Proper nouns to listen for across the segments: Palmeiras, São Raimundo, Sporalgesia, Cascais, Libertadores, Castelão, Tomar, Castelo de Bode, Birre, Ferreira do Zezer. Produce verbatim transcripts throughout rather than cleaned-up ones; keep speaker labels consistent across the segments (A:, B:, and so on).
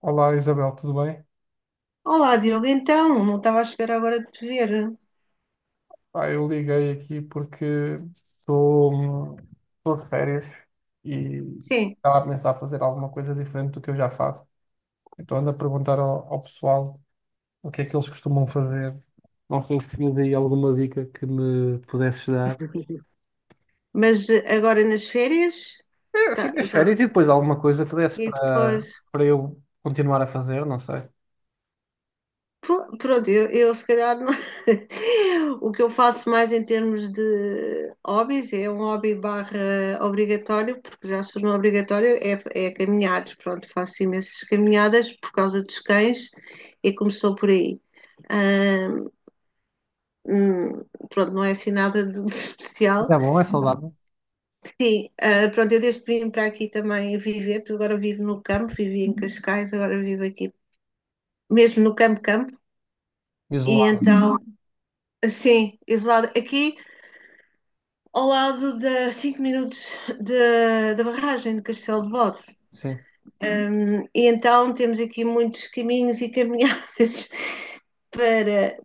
A: Olá Isabel, tudo bem?
B: Olá, Diogo, então, não estava à espera agora de te ver.
A: Ah, eu liguei aqui porque estou estou de férias e
B: Sim,
A: estava a pensar fazer alguma coisa diferente do que eu já faço. Então ando a perguntar ao, ao pessoal o que é que eles costumam fazer. Não sei se tinha aí alguma dica que me pudesses dar.
B: mas eh, agora nas férias,
A: É, assim,
B: tá,
A: nas
B: já.
A: férias e depois alguma coisa que desse
B: E
A: para
B: depois,
A: para eu continuar a fazer, não sei.
B: pô, pronto, eu, eu se calhar não- o que eu faço mais em termos de hobbies é um hobby barra obrigatório, porque já se tornou obrigatório, é, é caminhar. Pronto, faço imensas caminhadas por causa dos cães e começou por aí. Ah, hum, pronto, não é assim nada de de
A: Mas
B: especial.
A: é bom, é saudável.
B: Sim, ah, pronto, eu desde que vim para aqui também viver, porque agora vivo no campo, vivi em Cascais, agora vivo aqui, mesmo no campo campo, e
A: Isolado,
B: então, sim, isolado aqui ao lado da cinco minutos da da barragem de Castelo de Bode.
A: sim.
B: Um, e então temos aqui muitos caminhos e caminhadas para,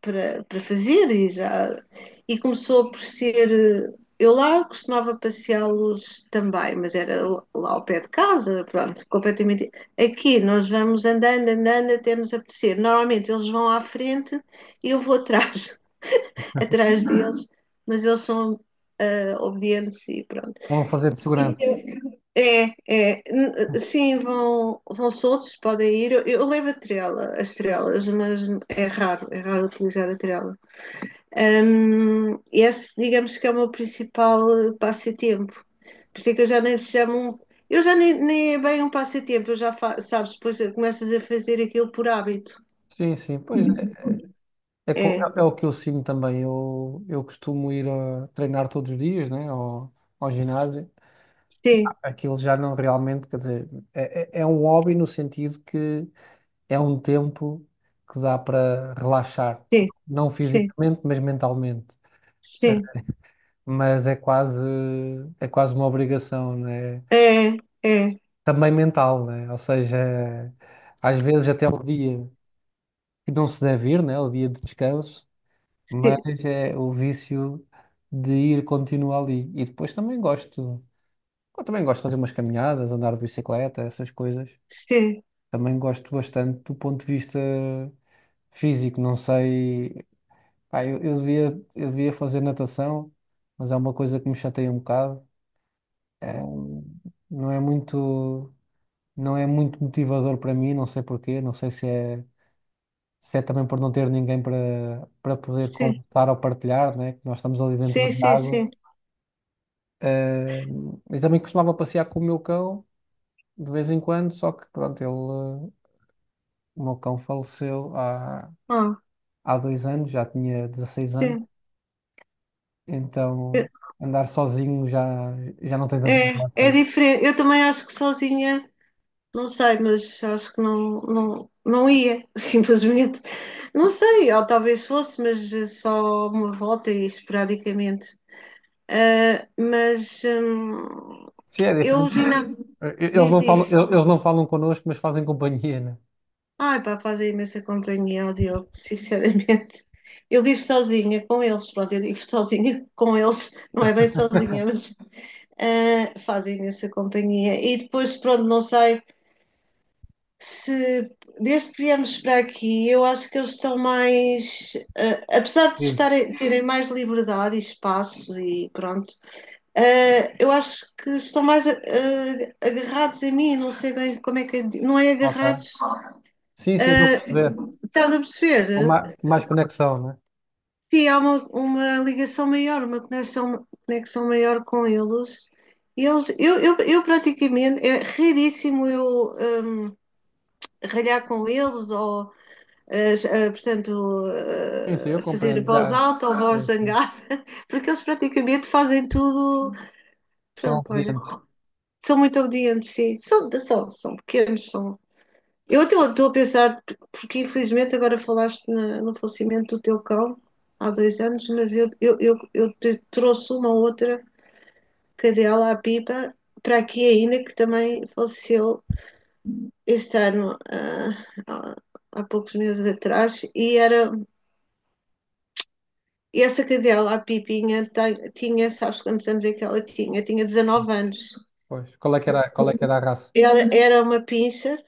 B: para, para fazer e já e começou por ser eu lá costumava passeá-los também, mas era lá ao pé de casa, pronto, completamente. Aqui nós vamos andando, andando até nos apetecer. Normalmente eles vão à frente e eu vou atrás, atrás deles, mas eles são uh, obedientes e pronto.
A: Vão fazer de segurança.
B: É, é, N- sim, vão, vão soltos, podem ir. Eu, eu levo a trela, as trelas, mas é raro, é raro utilizar a trela. Hum, esse, digamos que é o meu principal eh, passatempo. Por isso é que eu já nem chamo um. Eu já nem, nem é bem um passatempo, eu já fa, sabes, depois começas a fazer aquilo por hábito.
A: Sim, sim. Pois é, co-
B: É,
A: é- é o que eu sinto também. Eu, eu costumo ir a treinar todos os dias, né? Ao, ao ginásio.
B: sim,
A: Aquilo já não realmente, quer dizer, é, é é um hobby no sentido que é um tempo que dá para relaxar,
B: sim,
A: não
B: sim,
A: fisicamente, mas mentalmente.
B: sim.
A: Mas é quase, é quase uma obrigação, né?
B: É, é,
A: Também mental, né? Ou seja, às vezes até o dia que não se deve ir, né? O dia de descanso, mas
B: sim,
A: é o vício de ir continuo ali. E depois também gosto, eu também gosto de fazer umas caminhadas, andar de bicicleta, essas coisas.
B: sim,
A: Também gosto bastante do ponto de vista físico, não sei, pá, eu, eu devia, eu devia fazer natação, mas é uma coisa que me chateia um bocado. É, um, não é muito, não é muito motivador para mim, não sei porquê, não sei se é se é também por não ter ninguém para para poder
B: sim,
A: contar ou partilhar, né? Que nós estamos ali dentro
B: sim,
A: da
B: sim,
A: água.
B: sim.
A: Ah, e também costumava passear com o meu cão de vez em quando, só que pronto, ele, eh, o meu cão faleceu há,
B: Ah,
A: há dois anos, já tinha dezasseis anos,
B: sim.
A: então andar sozinho já, já não tem tanta
B: É, é
A: graça.
B: diferente. Eu também acho que sozinha, não sei, mas acho que não, não, não ia, simplesmente. Não sei, ou talvez fosse, mas eh, só uma volta e esporadicamente. Ah, mas hum,
A: Sim, é
B: eu,
A: diferente.
B: Gina,
A: Eh, Eles
B: diz,
A: não falam,
B: diz.
A: el- eles não falam connosco, mas fazem companhia, né?
B: Ai, pá, fazem imensa companhia ao Diogo, sinceramente. Eu vivo sozinha com eles, pronto, eu vivo sozinha com eles, não é bem sozinha, mas ah, fazem imensa companhia. E depois, pronto, não sei. Se desde que viemos para aqui, eu acho que eles estão mais, eh, apesar de
A: Sim.
B: estarem, terem mais liberdade e espaço e pronto, eh, eu acho que estão mais eh, agarrados a mim, não sei bem como é que é, não é
A: Ok.
B: agarrados,
A: Sim, sim, estou a
B: eh,
A: perceber.
B: estás a perceber?
A: Com ma- mais conexão, né?
B: Sim, há uma, uma ligação maior, uma conexão, conexão maior com eles. Eles, eu, eu, eu praticamente, é raríssimo eu hum, ralhar com eles ou a, portanto,
A: Sim, sim, eu
B: a fazer
A: compreendo.
B: voz
A: Já,
B: alta ou voz
A: é,
B: zangada, porque eles praticamente fazem tudo.
A: são
B: Pronto, olha,
A: obedientes.
B: são muito obedientes, sim. São, são, são pequenos, são. Eu até estou a pensar, porque infelizmente agora falaste na, no falecimento do teu cão há dois anos, mas eu, eu, eu, eu trouxe uma outra cadela, a Pipa, para aqui ainda, que também faleceu este ano, ah, há, há poucos meses atrás, e era E essa cadela, a Pipinha, tem- tinha, sabes quantos anos é que ela tinha? Tinha dezanove anos.
A: Pois. Qual é que era, qual é que era a raça?
B: Era, era uma pincher,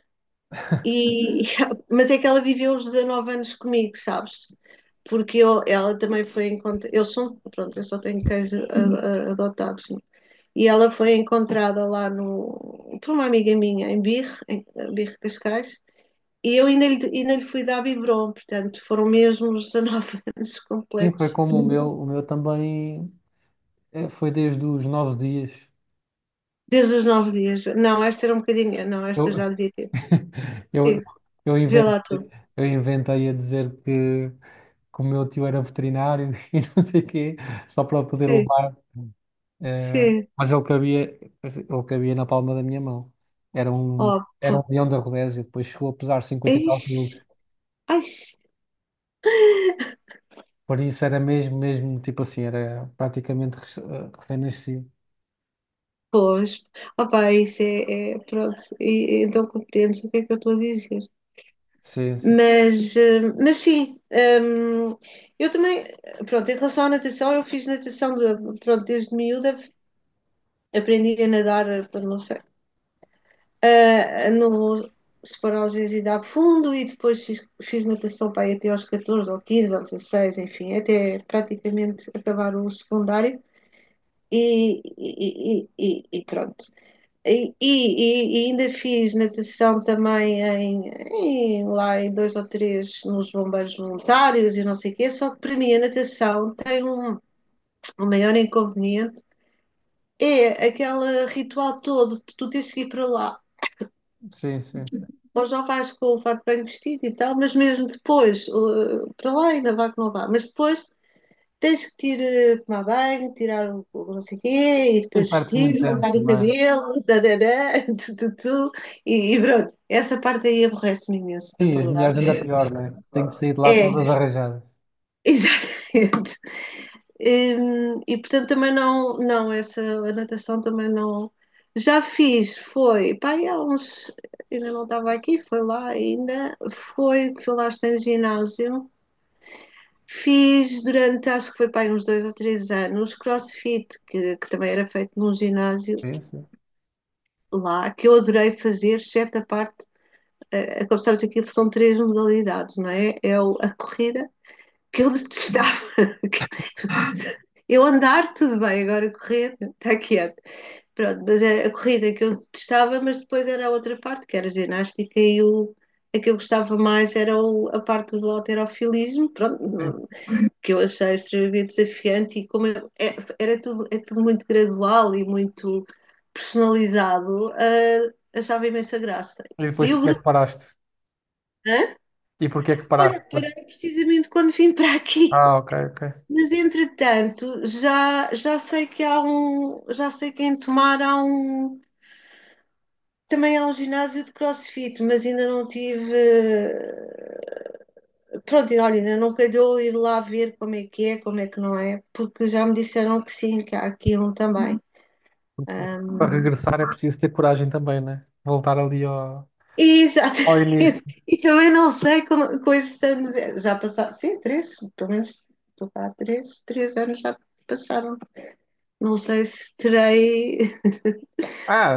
B: e, e- mas é que ela viveu os dezanove anos comigo, sabes? Porque eu, ela também foi encontrada. Eu sou, pronto, eu só tenho cães a- a- adotados. Né? E ela foi encontrada lá no, por uma amiga minha, em Birre, em Birre Cascais, e eu ainda lhe, ainda lhe fui dar biberon, portanto, foram mesmo os dezanove anos
A: Sim, foi
B: completos.
A: como o meu, o meu também eh, foi desde os nove dias.
B: Desde os nove dias. Não, esta era um bocadinho. Não, esta já
A: Eu,
B: devia ter. Sim,
A: eu, eu
B: vê lá tu.
A: inventei, eu inventei a dizer que, que o meu tio era veterinário e não sei o quê, só para poder
B: Sim,
A: levar. eh,
B: sim.
A: mas ele cabia, ele cabia na palma da minha mão. Era um,
B: Oh,
A: era
B: pô.
A: um leão da Rodésia, depois chegou a pesar cinquenta e tal quilos.
B: Ixi, Ai.
A: Por isso era mesmo, mesmo, tipo assim, era praticamente rec- eh, recém-nascido.
B: Pois, opa, isso é, é- pronto, e então compreendes o que é que eu estou a dizer.
A: Sim, sim,
B: Mas, eh, mas sim, hum, eu também, pronto, em relação à natação, eu fiz natação, de- pronto, desde miúda aprendi a nadar, eh, não sei, ah, no Sporalgesia dá fundo e depois fiz, fiz natação para aí até aos catorze ou quinze ou dezasseis enfim, até praticamente acabar o secundário e, e, e, e pronto. E, e- e ainda fiz natação também em, em- lá em dois ou três nos bombeiros voluntários e não sei o quê, só que para mim a natação tem um, um maior inconveniente, é aquele ritual todo de tu tens que ir para lá.
A: sim, sim.
B: Hoje não vais com o fato bem vestido e tal, mas mesmo depois, eh, para lá ainda vá que não vá, mas depois tens que te ir eh, tomar banho, tirar o, o não sei o quê, e
A: Tem
B: depois
A: parte muito
B: vestir,
A: tempo
B: secar o
A: também.
B: cabelo, tarará, tu, tu, tu, e, e pronto. Essa parte aí aborrece-me imenso, na
A: Sim, as mulheres ainda
B: verdade.
A: pior, né? Tenho que sair de lá todas
B: É,
A: arranjadas.
B: exatamente. Hum, E, portanto também não, não, essa a natação também não. Já fiz, foi, pá, e há uns, ainda não estava aqui, foi lá ainda, foi, fui lá estar em ginásio, fiz durante, acho que foi pá, aí uns dois ou três anos, crossfit, que, que também era feito num ginásio
A: Sim, sim,
B: lá, que eu adorei fazer, exceto a parte, eh, eh, como sabes, aquilo são três modalidades, não é? É o- a corrida, que eu detestava, eu andar, tudo bem, agora correr, está quieto. Pronto, mas é a corrida que eu testava, mas depois era a outra parte, que era a ginástica, e o, a que eu gostava mais era o- a parte do halterofilismo, pronto,
A: sim.
B: não- que eu achei extremamente desafiante, e como eu- é- era tudo, é tudo muito gradual e muito personalizado, ah, achava imensa graça.
A: E depois
B: E o
A: porque é que
B: grupo,
A: paraste?
B: hã?
A: E porque é que paraste
B: Olha,
A: depois?
B: parei precisamente quando vim para aqui.
A: Ah, ok, ok.
B: Mas entretanto, já, já sei que há um, já sei que em Tomar há um, também há um ginásio de CrossFit, mas ainda não tive, eh, pronto, e olha, ainda não calhou ir lá ver como é que é, como é que não é, porque já me disseram que sim, que há aqui um também.
A: Para regressar é preciso ter coragem também, né? Voltar ali ao,
B: E,
A: ao
B: exatamente,
A: início.
B: e também não sei com, com estes anos, eh, já passaram, sim, três, pelo menos estou cá há três, três anos já passaram. Não sei se terei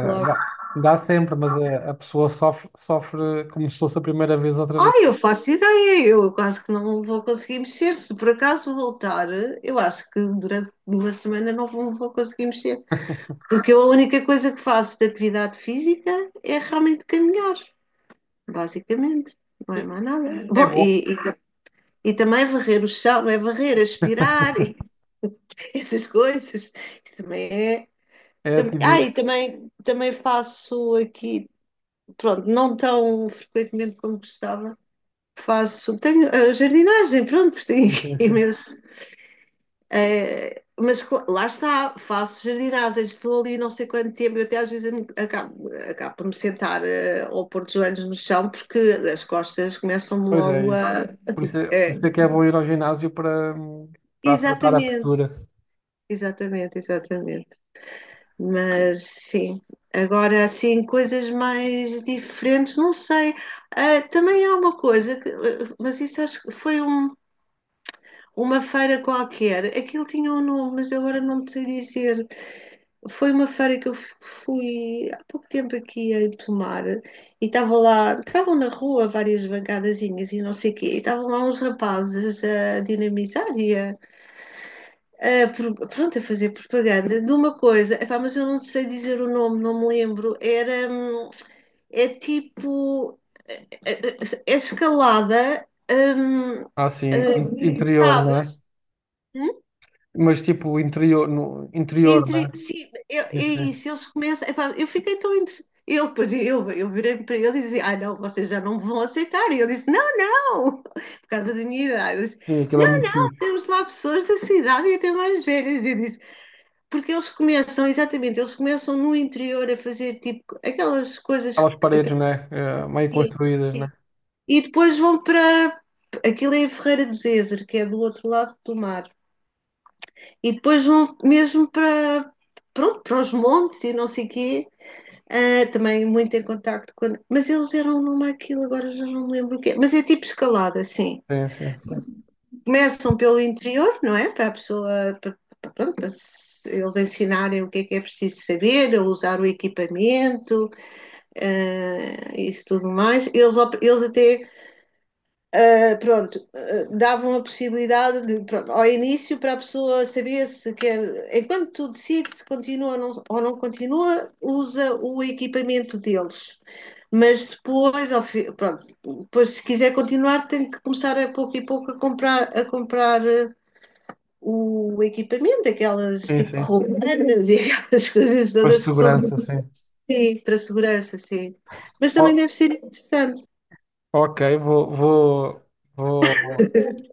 B: logo.
A: dá, dá sempre, mas a, a pessoa sofre, sofre como se fosse a primeira vez outra vez.
B: Ah, eu faço ideia, eu quase que não vou conseguir mexer. Se por acaso voltar, eu acho que durante uma semana não vou, vou conseguir mexer. Porque eu a única coisa que faço de atividade física é realmente caminhar, basicamente. Não é
A: Sim,
B: mais nada.
A: é
B: Bom,
A: bom.
B: e, e, ta- e também varrer o chão, é varrer, é aspirar, e essas coisas. Isso também é.
A: É
B: Tam- ah,
A: ativismo.
B: e também, também faço aqui, pronto, não tão frequentemente como gostava faço. Tenho eh, jardinagem, pronto, tenho
A: Sim, sim, sim.
B: imenso. eh, mas cla- lá está, faço jardinagem, estou ali não sei quanto tempo, eu até às vezes me- acabo, acabo por me sentar eh, ou pôr os joelhos no chão, porque as costas começam-me
A: Pois é
B: logo
A: isso.
B: a.
A: Por isso, é- por
B: É,
A: isso é que é bom ir ao ginásio para hum, para tratar a
B: exatamente,
A: postura.
B: exatamente, exatamente. Mas sim, agora assim, coisas mais diferentes, não sei. Ah, também há uma coisa, que, eh, mas isso acho que foi um uma feira qualquer, aquilo tinha um nome, mas agora não te sei dizer. Foi uma feira que eu fu- fui há pouco tempo aqui em Tomar e estava lá, estavam na rua várias bancadazinhas e não sei o quê, e estavam lá uns rapazes a dinamizar e a, a pro- pronto, a fazer propaganda de uma coisa, epá, mas eu não te sei dizer o nome, não me lembro. Era, hum, é tipo, é, é- é escalada, hum,
A: Ah, sim, in-
B: eh,
A: interior, não é?
B: sabes?
A: Mas tipo interior, no interior,
B: Entre,
A: né?
B: sim, eu, é
A: Sim, sim.
B: isso, eles começam. Epá, eu fiquei tão entre. Eu, depois eu, eu virei para ele e dizia: Ah, não, vocês já não me vão aceitar. E ele disse: Não, não, por causa da minha idade. Eu disse,
A: Sim, aquilo é muito
B: não,
A: fixe.
B: temos lá pessoas da sua idade e até mais velhas. E eu disse: Porque eles começam, exatamente, eles começam no interior a fazer tipo aquelas coisas
A: Aquelas paredes, né? Eh, meio
B: que.
A: construídas, né?
B: E depois vão para. Aquilo é em Ferreira do Zezer, que é do outro lado do mar. E depois vão mesmo para. Pronto, para os montes e não sei o quê. Ah, também muito em contacto com. Mas eles eram numa aquilo, agora já não me lembro o quê. Mas é tipo escalada, assim.
A: Sim, sim, sim.
B: Começam pelo interior, não é? Para a pessoa, para, para- pronto, para se- eles ensinarem o que é que é preciso saber, a usar o equipamento, ah, isso tudo mais. Eles, op- eles até Uh, pronto, uh, davam a possibilidade de, pronto, ao início para a pessoa saber se quer, enquanto tu decides se continua ou não, ou não continua, usa o equipamento deles. Mas depois, ao fi, pronto, depois se quiser continuar, tem que começar a pouco e pouco a comprar, a comprar uh, o equipamento, aquelas
A: Sim,
B: tipo
A: sim.
B: rolanas e aquelas coisas
A: Depois de
B: todas que são
A: segurança, sim.
B: sim, para a segurança, sim. Mas também
A: O-
B: deve ser interessante.
A: ok, vou, vou, vou,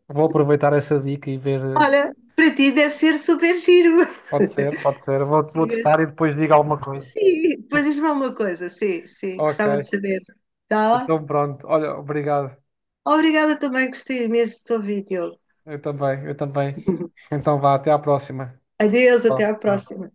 A: vou aproveitar essa dica e ver. Eh,
B: Olha, para ti deve ser super giro.
A: pode ser, pode ser. Vou, vou testar e depois digo alguma coisa.
B: Sim, pois diz-me alguma coisa, sim, sim,
A: Ok,
B: gostava de saber. Tá?
A: então pronto. Olha, obrigado.
B: Obrigada também, gostei imenso do teu vídeo.
A: Eu também, eu também. Então vá, até à próxima.
B: Adeus, até
A: Vá,
B: à
A: vá.
B: próxima.